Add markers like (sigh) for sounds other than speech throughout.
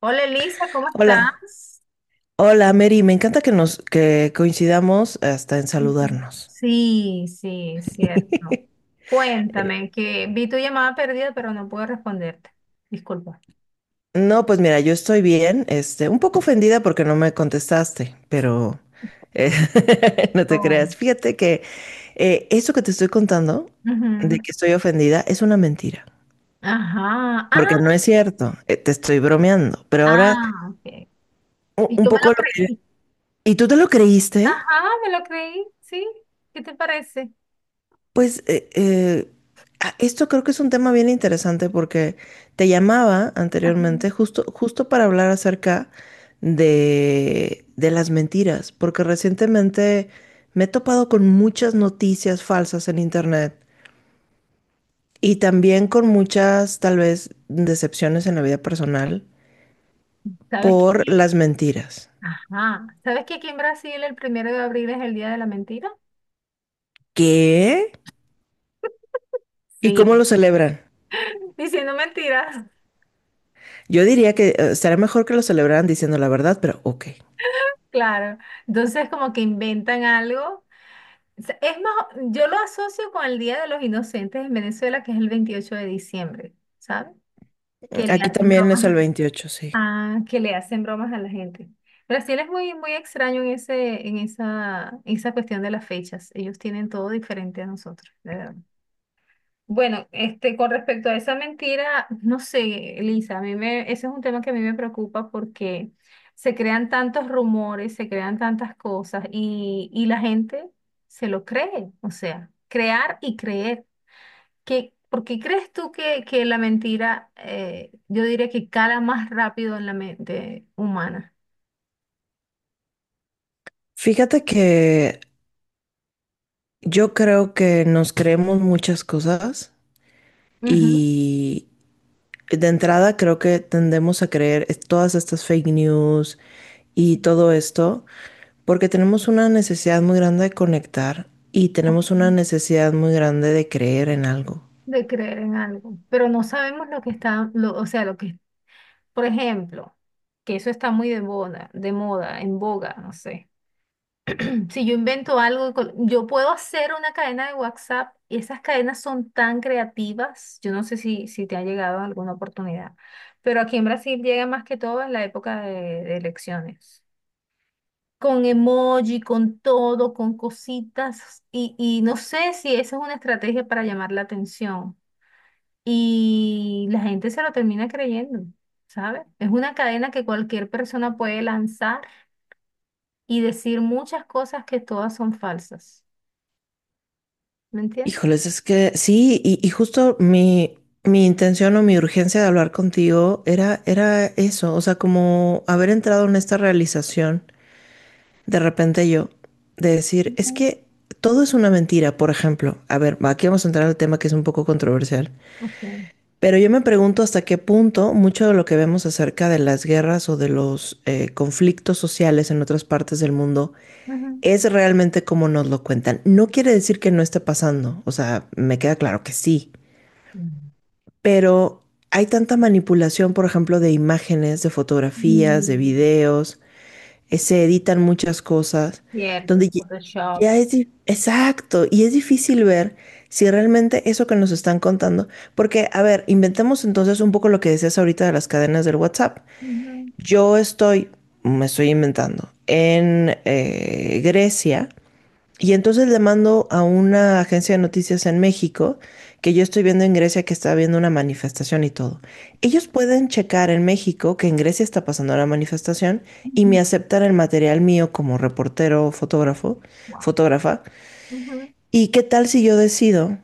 Hola, Elisa, ¿cómo Hola, estás? hola Mary, me encanta que nos que coincidamos hasta en Ujú. saludarnos. Sí, sí, cierto. (laughs) Eh, Cuéntame, que vi tu llamada perdida, pero no puedo responderte. Disculpa. No, pues mira, yo estoy bien, este, un poco ofendida porque no me contestaste, pero eh, (laughs) no te Oh. creas. Fíjate que eso que te estoy contando de Ujú. que estoy ofendida es una mentira, Ajá. porque Ah, no es cierto, te estoy bromeando, pero ahora ah, ok. Y un tú me poco lo lo que... creí. ¿Y tú te lo Ajá, creíste? me lo creí, sí. ¿Qué te parece? Pues esto creo que es un tema bien interesante porque te llamaba Ajá. anteriormente justo para hablar acerca de las mentiras, porque recientemente me he topado con muchas noticias falsas en internet y también con muchas tal vez decepciones en la vida personal ¿Sabes que por aquí- las mentiras. Ajá. ¿Sabes que aquí en Brasil el 1 de abril es el día de la mentira? ¿Qué? ¿Y cómo Sí. lo celebran? (laughs) Diciendo mentiras. Yo diría que estaría mejor que lo celebraran diciendo la verdad, pero ok. Claro. Entonces como que inventan algo. Sea, es más, yo lo asocio con el Día de los Inocentes en Venezuela, que es el 28 de diciembre, ¿sabes? Que le Aquí hacen también es el bromas 28, sí. que le hacen bromas a la gente. Brasil es muy, muy extraño en ese, en esa cuestión de las fechas. Ellos tienen todo diferente a nosotros, de verdad. Bueno, este, con respecto a esa mentira, no sé, Lisa, ese es un tema que a mí me preocupa porque se crean tantos rumores, se crean tantas cosas y la gente se lo cree, o sea, crear y creer. ¿Por qué crees tú que la mentira, yo diría que cala más rápido en la mente humana? Fíjate que yo creo que nos creemos muchas cosas Ujú. y de entrada creo que tendemos a creer todas estas fake news y Sí. todo esto porque tenemos una necesidad muy grande de conectar y Ok. tenemos una necesidad muy grande de creer en algo. De creer en algo, pero no sabemos lo que está, o sea, lo que... Por ejemplo, que eso está muy de moda, en boga, no sé. (clears throat) Si yo invento algo, yo puedo hacer una cadena de WhatsApp y esas cadenas son tan creativas. Yo no sé si te ha llegado en alguna oportunidad, pero aquí en Brasil llega más que todo en la época de elecciones. Con emoji, con todo, con cositas y no sé si esa es una estrategia para llamar la atención. Y la gente se lo termina creyendo, ¿sabes? Es una cadena que cualquier persona puede lanzar y decir muchas cosas que todas son falsas. ¿Me entiendes? Híjoles, es que sí, y justo mi intención o mi urgencia de hablar contigo era eso, o sea, como haber entrado en esta realización de repente yo, de decir, es Ujú. que todo es una mentira, por ejemplo. A ver, aquí vamos a entrar al tema que es un poco controversial. Ok. Ujú. Pero yo me pregunto hasta qué punto mucho de lo que vemos acerca de las guerras o de los conflictos sociales en otras partes del mundo es realmente como nos lo cuentan. No quiere decir que no esté pasando, o sea, me queda claro que sí, Mm. pero hay tanta manipulación, por ejemplo, de imágenes, de fotografías, de Mm, videos, se editan muchas cosas, cierto, donde Photoshop. Exacto, y es difícil ver si realmente eso que nos están contando, porque, a ver, inventemos entonces un poco lo que decías ahorita de las cadenas del WhatsApp. Ujú, Yo estoy, me estoy inventando, en Grecia y entonces le mando a una agencia de noticias en México, que yo estoy viendo en Grecia que está habiendo una manifestación y todo. Ellos pueden checar en México que en Grecia está pasando la manifestación y me ujú, aceptan el material mío como reportero, guau, fotógrafa. ujú, ¿Y qué tal si yo decido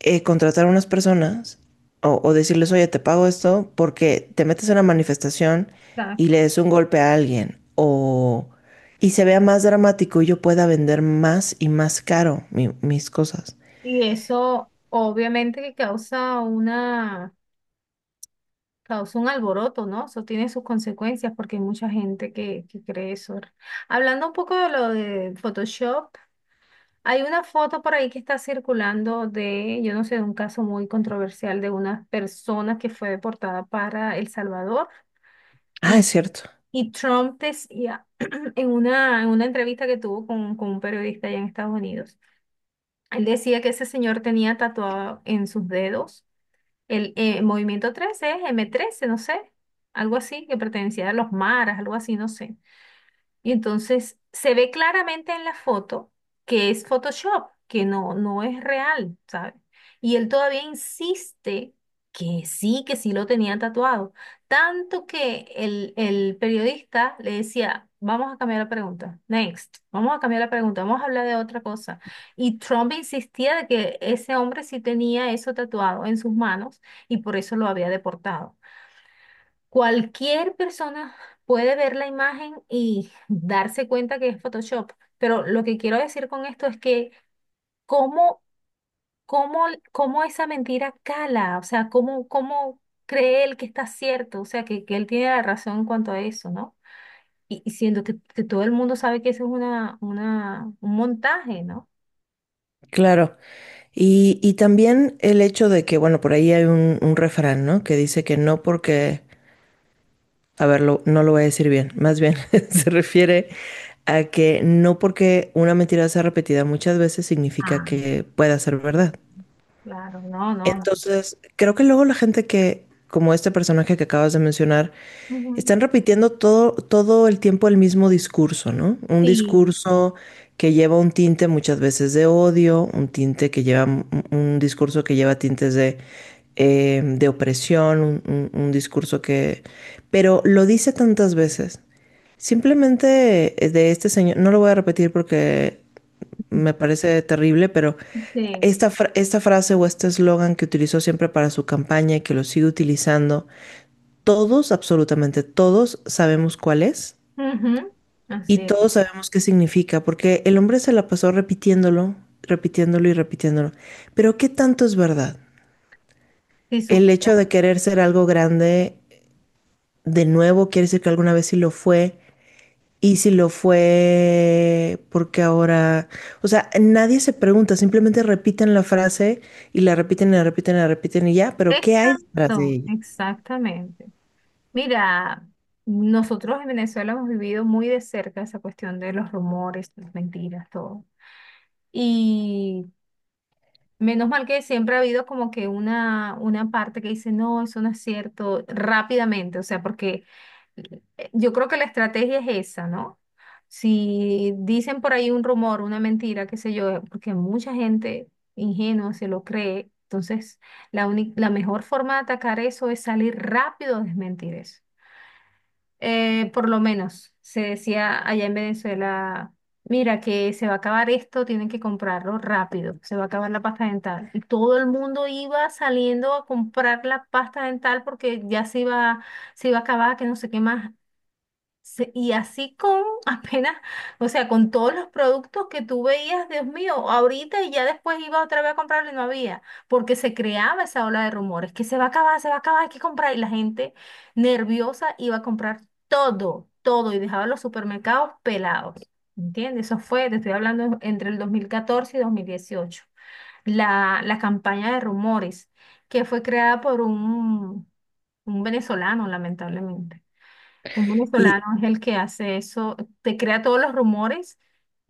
contratar a unas personas o decirles, oye, te pago esto porque te metes en una manifestación y exacto. le des un golpe a alguien o... y se vea más dramático y yo pueda vender más y más caro mis cosas. Y eso obviamente que causa un alboroto, ¿no? Eso tiene sus consecuencias porque hay mucha gente que cree eso. Hablando un poco de lo de Photoshop, hay una foto por ahí que está circulando de, yo no sé, de un caso muy controversial de una persona que fue deportada para El Salvador, Ah, es y, cierto, y Trump decía (clears throat) en una entrevista que tuvo con un periodista allá en Estados Unidos. Él decía que ese señor tenía tatuado en sus dedos el Movimiento 13 m trece, no sé, algo así, que pertenecía a los maras, algo así, no sé. Y entonces se ve claramente en la foto que es Photoshop, que no, no es real, ¿sabes? Y él todavía insiste que sí lo tenía tatuado. Tanto que el periodista le decía, vamos a cambiar la pregunta, next, vamos a cambiar la pregunta, vamos a hablar de otra cosa. Y Trump insistía de que ese hombre sí tenía eso tatuado en sus manos y por eso lo había deportado. Cualquier persona puede ver la imagen y darse cuenta que es Photoshop, pero lo que quiero decir con esto es que cómo, cómo, cómo esa mentira cala, o sea, cómo cree él que está cierto, o sea, que él tiene la razón en cuanto a eso, ¿no? Y siendo que, todo el mundo sabe que eso es un montaje, ¿no? claro. Y también el hecho de que, bueno, por ahí hay un refrán, ¿no? Que dice que no porque a ver, no lo voy a decir bien, más bien (laughs) se refiere a que no porque una mentira sea repetida muchas veces significa Ah, que pueda ser verdad. claro, no, no, no. Entonces, creo que luego la gente que, como este personaje que acabas de mencionar, Ujú. están repitiendo todo el tiempo el mismo discurso, ¿no? Un Sí, discurso que lleva un tinte muchas veces de odio, un tinte que lleva, un discurso que lleva tintes de opresión, un discurso que... Pero lo dice tantas veces. Simplemente de este señor, no lo voy a repetir porque sí. me parece terrible, pero Sí. Esta frase o este eslogan que utilizó siempre para su campaña y que lo sigue utilizando, todos, absolutamente todos, sabemos cuál es Ujú. Así y es. todos sabemos qué significa, porque el hombre se la pasó repitiéndolo, repitiéndolo y repitiéndolo. Pero ¿qué tanto es verdad? Si El supieras. hecho de querer ser algo grande de nuevo quiere decir que alguna vez sí lo fue. Y si lo fue, porque ahora, o sea, nadie se pregunta, simplemente repiten la frase y la repiten y ya, pero ¿qué hay detrás de Exacto, ella? exactamente. Mira, nosotros en Venezuela hemos vivido muy de cerca esa cuestión de los rumores, las mentiras, todo. Y menos mal que siempre ha habido como que una parte que dice, no, eso no es cierto, rápidamente, o sea, porque eh, yo creo que la estrategia es esa, ¿no? Si dicen por ahí un rumor, una mentira, qué sé yo, porque mucha gente ingenua se lo cree, entonces la única, la mejor forma de atacar eso es salir rápido a desmentir eso. Por lo menos se decía allá en Venezuela, mira que se va a acabar esto, tienen que comprarlo rápido, se va a acabar la pasta dental. Y todo el mundo iba saliendo a comprar la pasta dental porque ya se iba a acabar, que no sé qué más. Y así con (laughs) apenas, o sea, con todos los productos que tú veías, Dios mío, ahorita, y ya después iba otra vez a comprarlo y no había, porque se creaba esa ola de rumores, que se va a acabar, se va a acabar, hay que comprar. Y la gente nerviosa iba a comprar todo, todo, y dejaba los supermercados pelados. ¿Entiendes? Eso fue, te estoy hablando entre el 2014 y 2018. La campaña de rumores que fue creada por un venezolano, lamentablemente. Un Y venezolano es el que hace eso, te crea todos los rumores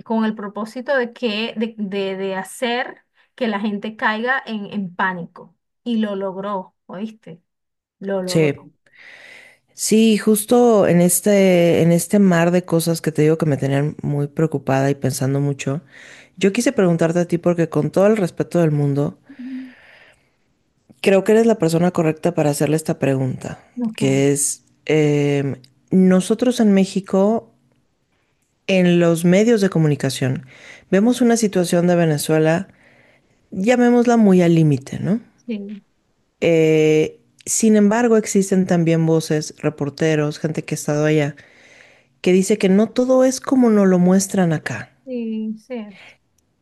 con el propósito de hacer que la gente caiga en pánico. Y lo logró, ¿oíste? Lo logró. che, sí, justo en en este mar de cosas que te digo que me tenían muy preocupada y pensando mucho, yo quise preguntarte a ti porque con todo el respeto del mundo, Ujú. creo que eres la persona correcta para hacerle esta pregunta, Ok, que es, em, nosotros en México en los medios de comunicación vemos una situación de Venezuela, llamémosla muy al límite, ¿no? sí, Eh, sin embargo, existen también voces, reporteros, gente que ha estado allá, que dice que no todo es como nos lo muestran acá. sí, cierto.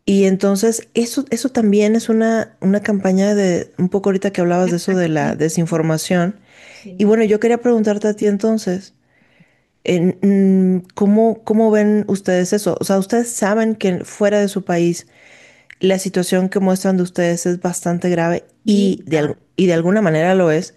Y entonces eso también es una campaña de, un poco ahorita que hablabas de eso de la Desprestigio, ¿no? desinformación. Y Sí, bueno, yo quería preguntarte a ti entonces, ¿cómo ven ustedes eso? O sea, ¿ustedes saben que fuera de su país la situación que muestran de ustedes es bastante grave sí, y de, claro. Y de alguna manera lo es,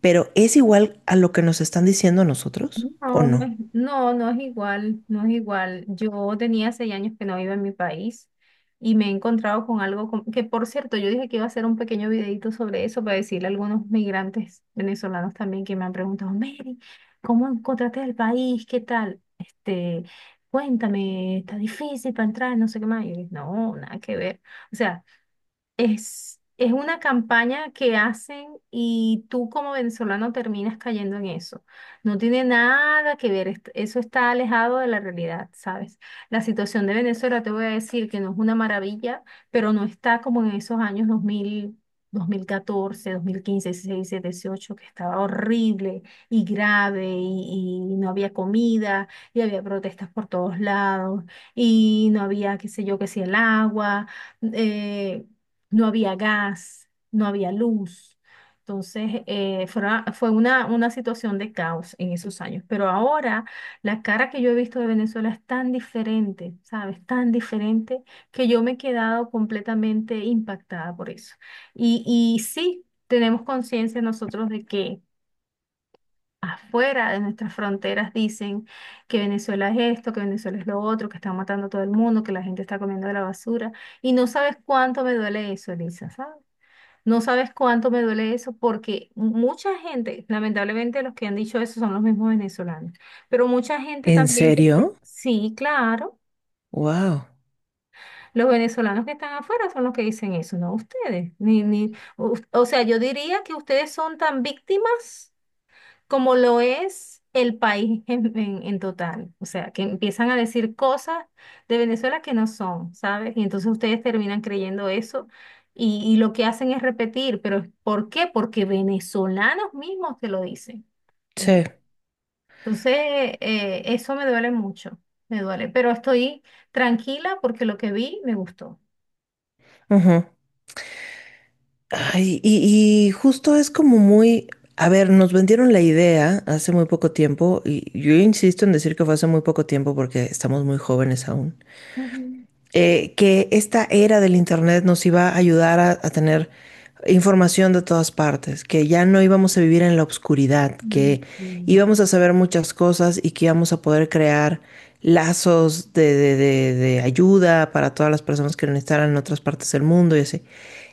pero ¿es igual a lo que nos están diciendo a nosotros o No, no no? es, no, no es igual, no es igual. Yo tenía 6 años que no iba en mi país y me he encontrado con algo que, por cierto, yo dije que iba a hacer un pequeño videito sobre eso para decirle a algunos migrantes venezolanos también que me han preguntado, Mary, ¿cómo encontraste el país? ¿Qué tal? Este, cuéntame, está difícil para entrar, no sé qué más. Y yo dije, no, nada que ver. O sea, es, una campaña que hacen y tú como venezolano terminas cayendo en eso. No tiene nada que ver, eso está alejado de la realidad, ¿sabes? La situación de Venezuela, te voy a decir que no es una maravilla, pero no está como en esos años 2000, 2014, 2015, 16, 17, 18, que estaba horrible y grave y no había comida y había protestas por todos lados y no había, qué sé yo, qué si el agua, eh, no había gas, no había luz. Entonces, fue una situación de caos en esos años. Pero ahora la cara que yo he visto de Venezuela es tan diferente, ¿sabes? Tan diferente que yo me he quedado completamente impactada por eso. Y sí, tenemos conciencia nosotros de que afuera de nuestras fronteras dicen que Venezuela es esto, que Venezuela es lo otro, que están matando a todo el mundo, que la gente está comiendo de la basura. Y no sabes cuánto me duele eso, Elisa, ¿sabes? No sabes cuánto me duele eso porque mucha gente, lamentablemente, los que han dicho eso son los mismos venezolanos, pero mucha gente ¿En también serio? sí, claro, Wow. los venezolanos que están afuera son los que dicen eso, no ustedes. Ni, ni, o sea, yo diría que ustedes son tan víctimas como lo es el país (laughs) en, en total. O sea, que empiezan a decir cosas de Venezuela que no son, ¿sabes? Y entonces ustedes terminan creyendo eso, y lo que hacen es repetir, pero ¿por qué? Porque venezolanos mismos te lo dicen. Sí. ¿Entiendes? Entonces, eso me duele mucho, me duele, pero estoy tranquila porque lo que vi me gustó. Ujú. Ay, y justo es como muy, a ver, nos vendieron la idea hace muy poco tiempo y yo insisto en decir que fue hace muy poco tiempo porque estamos muy jóvenes aún. Ujú. Que esta era del Internet nos iba a ayudar a tener información de todas partes, que ya no íbamos a vivir en la oscuridad, Mm, que sí. íbamos a saber muchas cosas y que íbamos a poder crear lazos de ayuda para todas las personas que lo necesitaran en otras partes del mundo y así.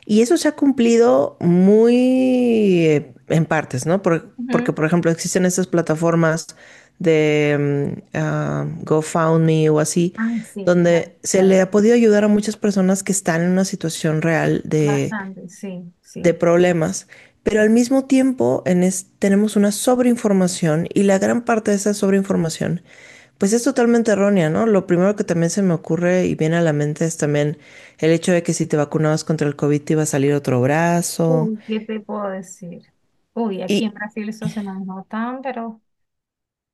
Y eso se ha cumplido muy en partes, ¿no? Porque, Ujú. por ejemplo, existen estas plataformas de GoFundMe o así, Ah, sí, claro, donde se claro, le ha podido ayudar a muchas personas que están en una situación real bastante, sí, de sí, problemas, sí. pero al mismo tiempo en tenemos una sobreinformación y la gran parte de esa sobreinformación pues es totalmente errónea, ¿no? Lo primero que también se me ocurre y viene a la mente es también el hecho de que si te vacunabas contra el COVID te iba a salir otro brazo. Uy, ¿qué te puedo decir? Uy, aquí en Y, Brasil eso se manejó tan, pero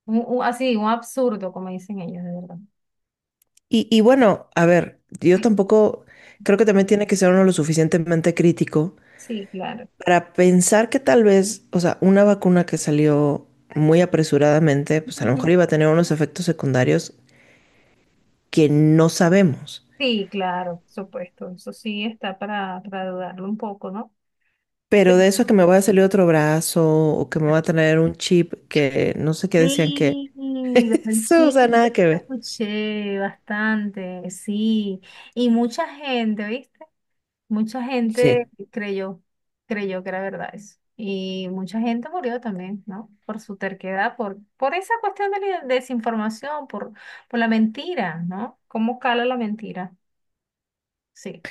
así, un absurdo, como dicen ellos, de verdad. Y bueno, a ver, yo tampoco creo que también tiene que ser uno lo suficientemente crítico Sí, claro. para pensar que tal vez, o sea, una vacuna que salió muy apresuradamente, pues a lo Ujú. mejor iba a tener unos efectos secundarios que no sabemos. Sí, claro, por supuesto. Eso sí está para dudarlo un poco, ¿no? Pero Pero de eso a que me va a salir otro brazo o que me va a traer un chip que no sé qué decían que sí, (laughs) los eso, o sea, panchitos, nada que los ver. escuché bastante, sí. Y mucha gente, ¿viste? Mucha Sí. gente creyó que era verdad eso. Y mucha gente murió también, ¿no? Por su terquedad, por esa cuestión de la desinformación, por la mentira, ¿no? ¿Cómo cala la mentira? Sí,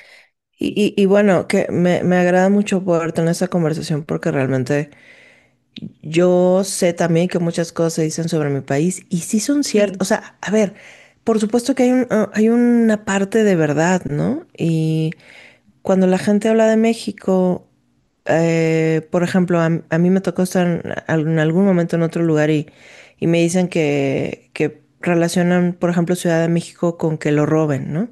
Y bueno, que me agrada mucho poder tener esa conversación porque realmente yo sé también que muchas cosas se dicen sobre mi país y sí son ciertas. sí. O sea, a ver, por supuesto que hay hay una parte de verdad, ¿no? Y cuando la gente habla de México, por ejemplo, a mí me tocó estar en, en algún momento en otro lugar y me dicen que relacionan, por ejemplo, Ciudad de México con que lo roben, ¿no?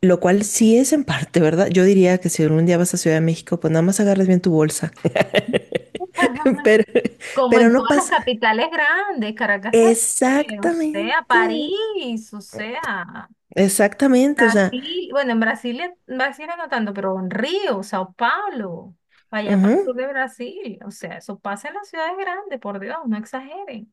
Lo cual sí es en parte, ¿verdad? Yo diría que si algún día vas a Ciudad de México, pues nada más agarres bien tu bolsa. (laughs) (laughs) Pero, Como pero en no todas las pasa capitales grandes, Caracas, terrible, o sea, Exactamente, París, o sea. exactamente, o sea, Brasil, bueno, en Brasil no tanto, pero en Río, Sao Paulo, para allá para el sur ujú, de Brasil, o sea, eso pasa en las ciudades grandes, por Dios, no exageren.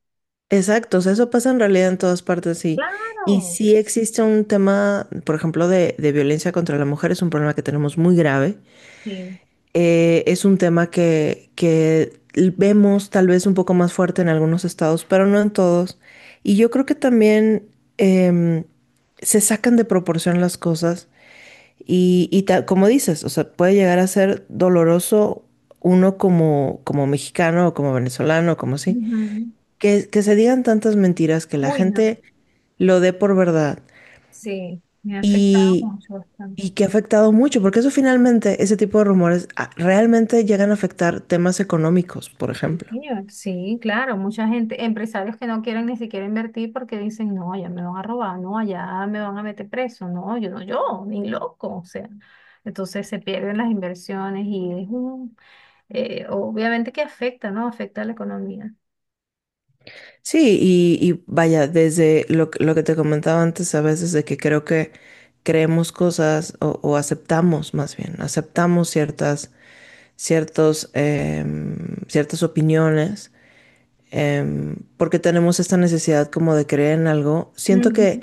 exacto, o sea, eso pasa en realidad en todas partes, sí. Y Claro, sí existe un tema, por ejemplo, de violencia contra la mujer, es un problema que tenemos muy grave. sí. Es un tema que vemos tal vez un poco más fuerte en algunos estados, pero no en todos. Y yo creo que también em, se sacan de proporción las cosas como dices, o sea, puede llegar a ser doloroso uno como mexicano o como venezolano, como así, Ujú. Que se digan tantas mentiras que la Uy, no, gente lo dé por verdad. sí, me ha afectado Y, mucho, bastante. y que ha afectado mucho, porque eso finalmente, ese tipo de rumores realmente llegan a afectar temas económicos, por Sí, ejemplo. señor. Sí, claro, mucha gente, empresarios que no quieren ni siquiera invertir porque dicen, no, allá me van a robar, no, allá me van a meter preso, no, yo no, yo, ni loco, o sea, entonces se pierden las inversiones y es obviamente que afecta, ¿no? Afecta a la economía. Sí, y vaya, desde lo, lo que te comentaba antes a veces de que creo que creemos cosas o aceptamos más bien, aceptamos ciertos, em, ciertas opiniones porque tenemos esta necesidad como de creer en algo. Siento que Ujú.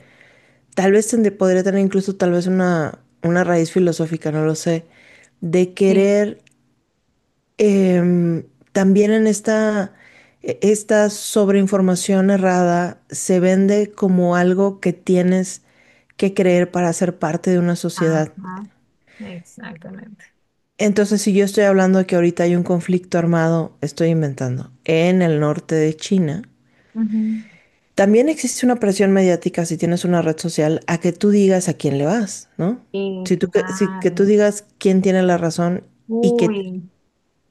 tal vez podría tener incluso tal vez una raíz filosófica, no lo sé, de Sí. querer em, también en esta, esta sobreinformación errada se vende como algo que tienes que creer para ser parte de una sociedad. Ajá, exactamente. Entonces, si yo estoy hablando de que ahorita hay un conflicto armado, estoy inventando, en el norte de China, Ujú. también existe una presión mediática si tienes una red social a que tú digas a quién le vas, ¿no? Sí, Si tú, que, si, que tú claro. digas quién tiene la razón y que, Uy,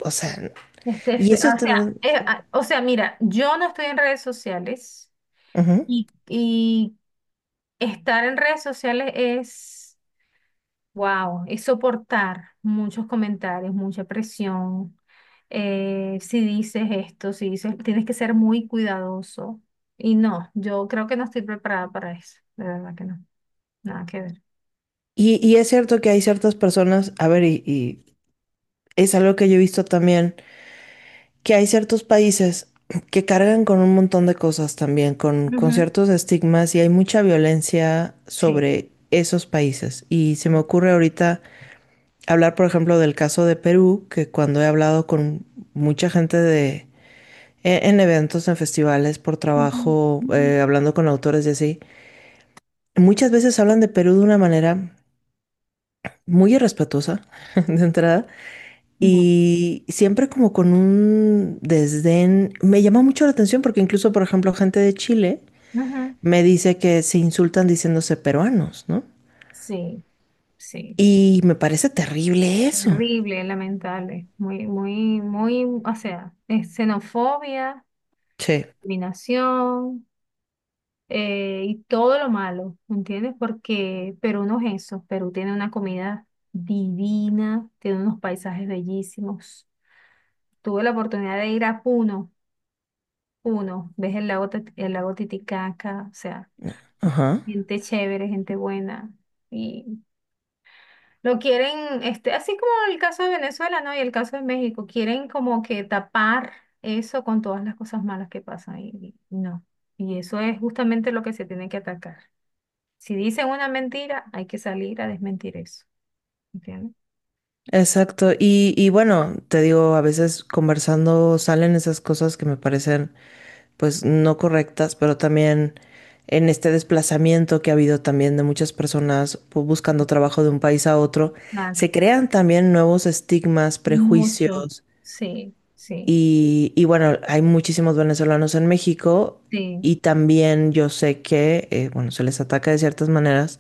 o sea, este, y eso o sea, también... o sea, mira, yo no estoy en redes sociales. Ujú. Y, Estar en redes sociales es, wow, es soportar muchos comentarios, mucha presión. Si dices esto, si dices, tienes que ser muy cuidadoso. Y no, yo creo que no estoy preparada para eso. De verdad que no. Nada que ver. Y es cierto que hay ciertas personas, a ver, y es algo que yo he visto también, que hay ciertos países que cargan con un montón de cosas también, con Ujú. ciertos estigmas y hay mucha violencia Sí, sobre esos países. Y se me sí. ocurre ahorita hablar, por ejemplo, del caso de Perú, que cuando he hablado con mucha gente de, en eventos, en festivales, por Ujú, trabajo, ujú. Hablando con autores y así, muchas veces hablan de Perú de una manera muy irrespetuosa, (laughs) de entrada, No. y siempre como con un desdén. Me llama mucho la atención porque incluso, por ejemplo, gente de Chile Ujú. me dice que se insultan diciéndose peruanos, ¿no? Sí, sí. Y me parece terrible eso. Terrible, lamentable. Muy, muy, muy, o sea, es xenofobia, Sí. discriminación. Y todo lo malo, ¿entiendes? Porque Perú no es eso, Perú tiene una comida divina, tiene unos paisajes bellísimos. Tuve la oportunidad de ir a Puno. Puno, ves el lago, el lago Titicaca, o sea, Ajá. gente chévere, gente buena. Y lo quieren, este, así como el caso de Venezuela, ¿no? Y el caso de México, quieren como que tapar eso con todas las cosas malas que pasan. Y no. Y eso es justamente lo que se tiene que atacar. Si dicen una mentira, hay que salir a desmentir eso. ¿Entiendes? Exacto. Y bueno, te digo, a veces conversando salen esas cosas que me parecen pues no correctas, pero también en este desplazamiento que ha habido también de muchas personas pues, buscando trabajo de un país a otro, Exacto. se crean también nuevos estigmas, Mucho. prejuicios Sí, sí. Y bueno, hay muchísimos venezolanos en México Sí. y también yo sé que, bueno, se les ataca de ciertas maneras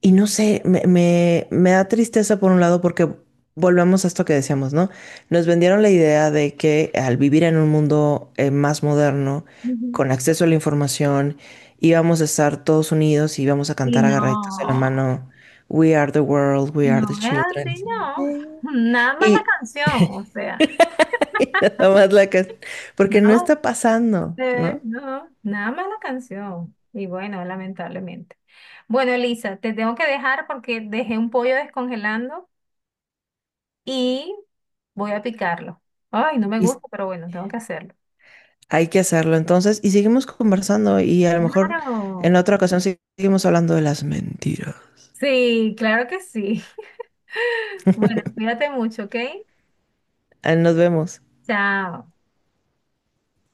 y no sé, me da tristeza por un lado porque volvemos a esto que decíamos, ¿no? Nos vendieron la idea de que al vivir en un mundo más moderno, Ujú. con acceso a la información, íbamos a estar todos unidos y íbamos a Y cantar agarraditos de la no, mano, We are the world, we no are the es así. children. No, nada más la Y, canción, o sea, (laughs) y nada más la que... no. Porque no No. está pasando, eh, ¿no? no, nada más la canción. Y bueno, lamentablemente. Bueno, Elisa, te tengo que dejar porque dejé un pollo descongelando y voy a picarlo. Ay, no me Y, gusta, pero bueno, tengo que hacerlo. hay que hacerlo entonces y seguimos conversando y a lo mejor en Claro. otra ocasión seguimos hablando de las mentiras. Sí, claro que sí. (laughs) Bueno, cuídate mucho, ¿ok? Ah, nos vemos. Chao.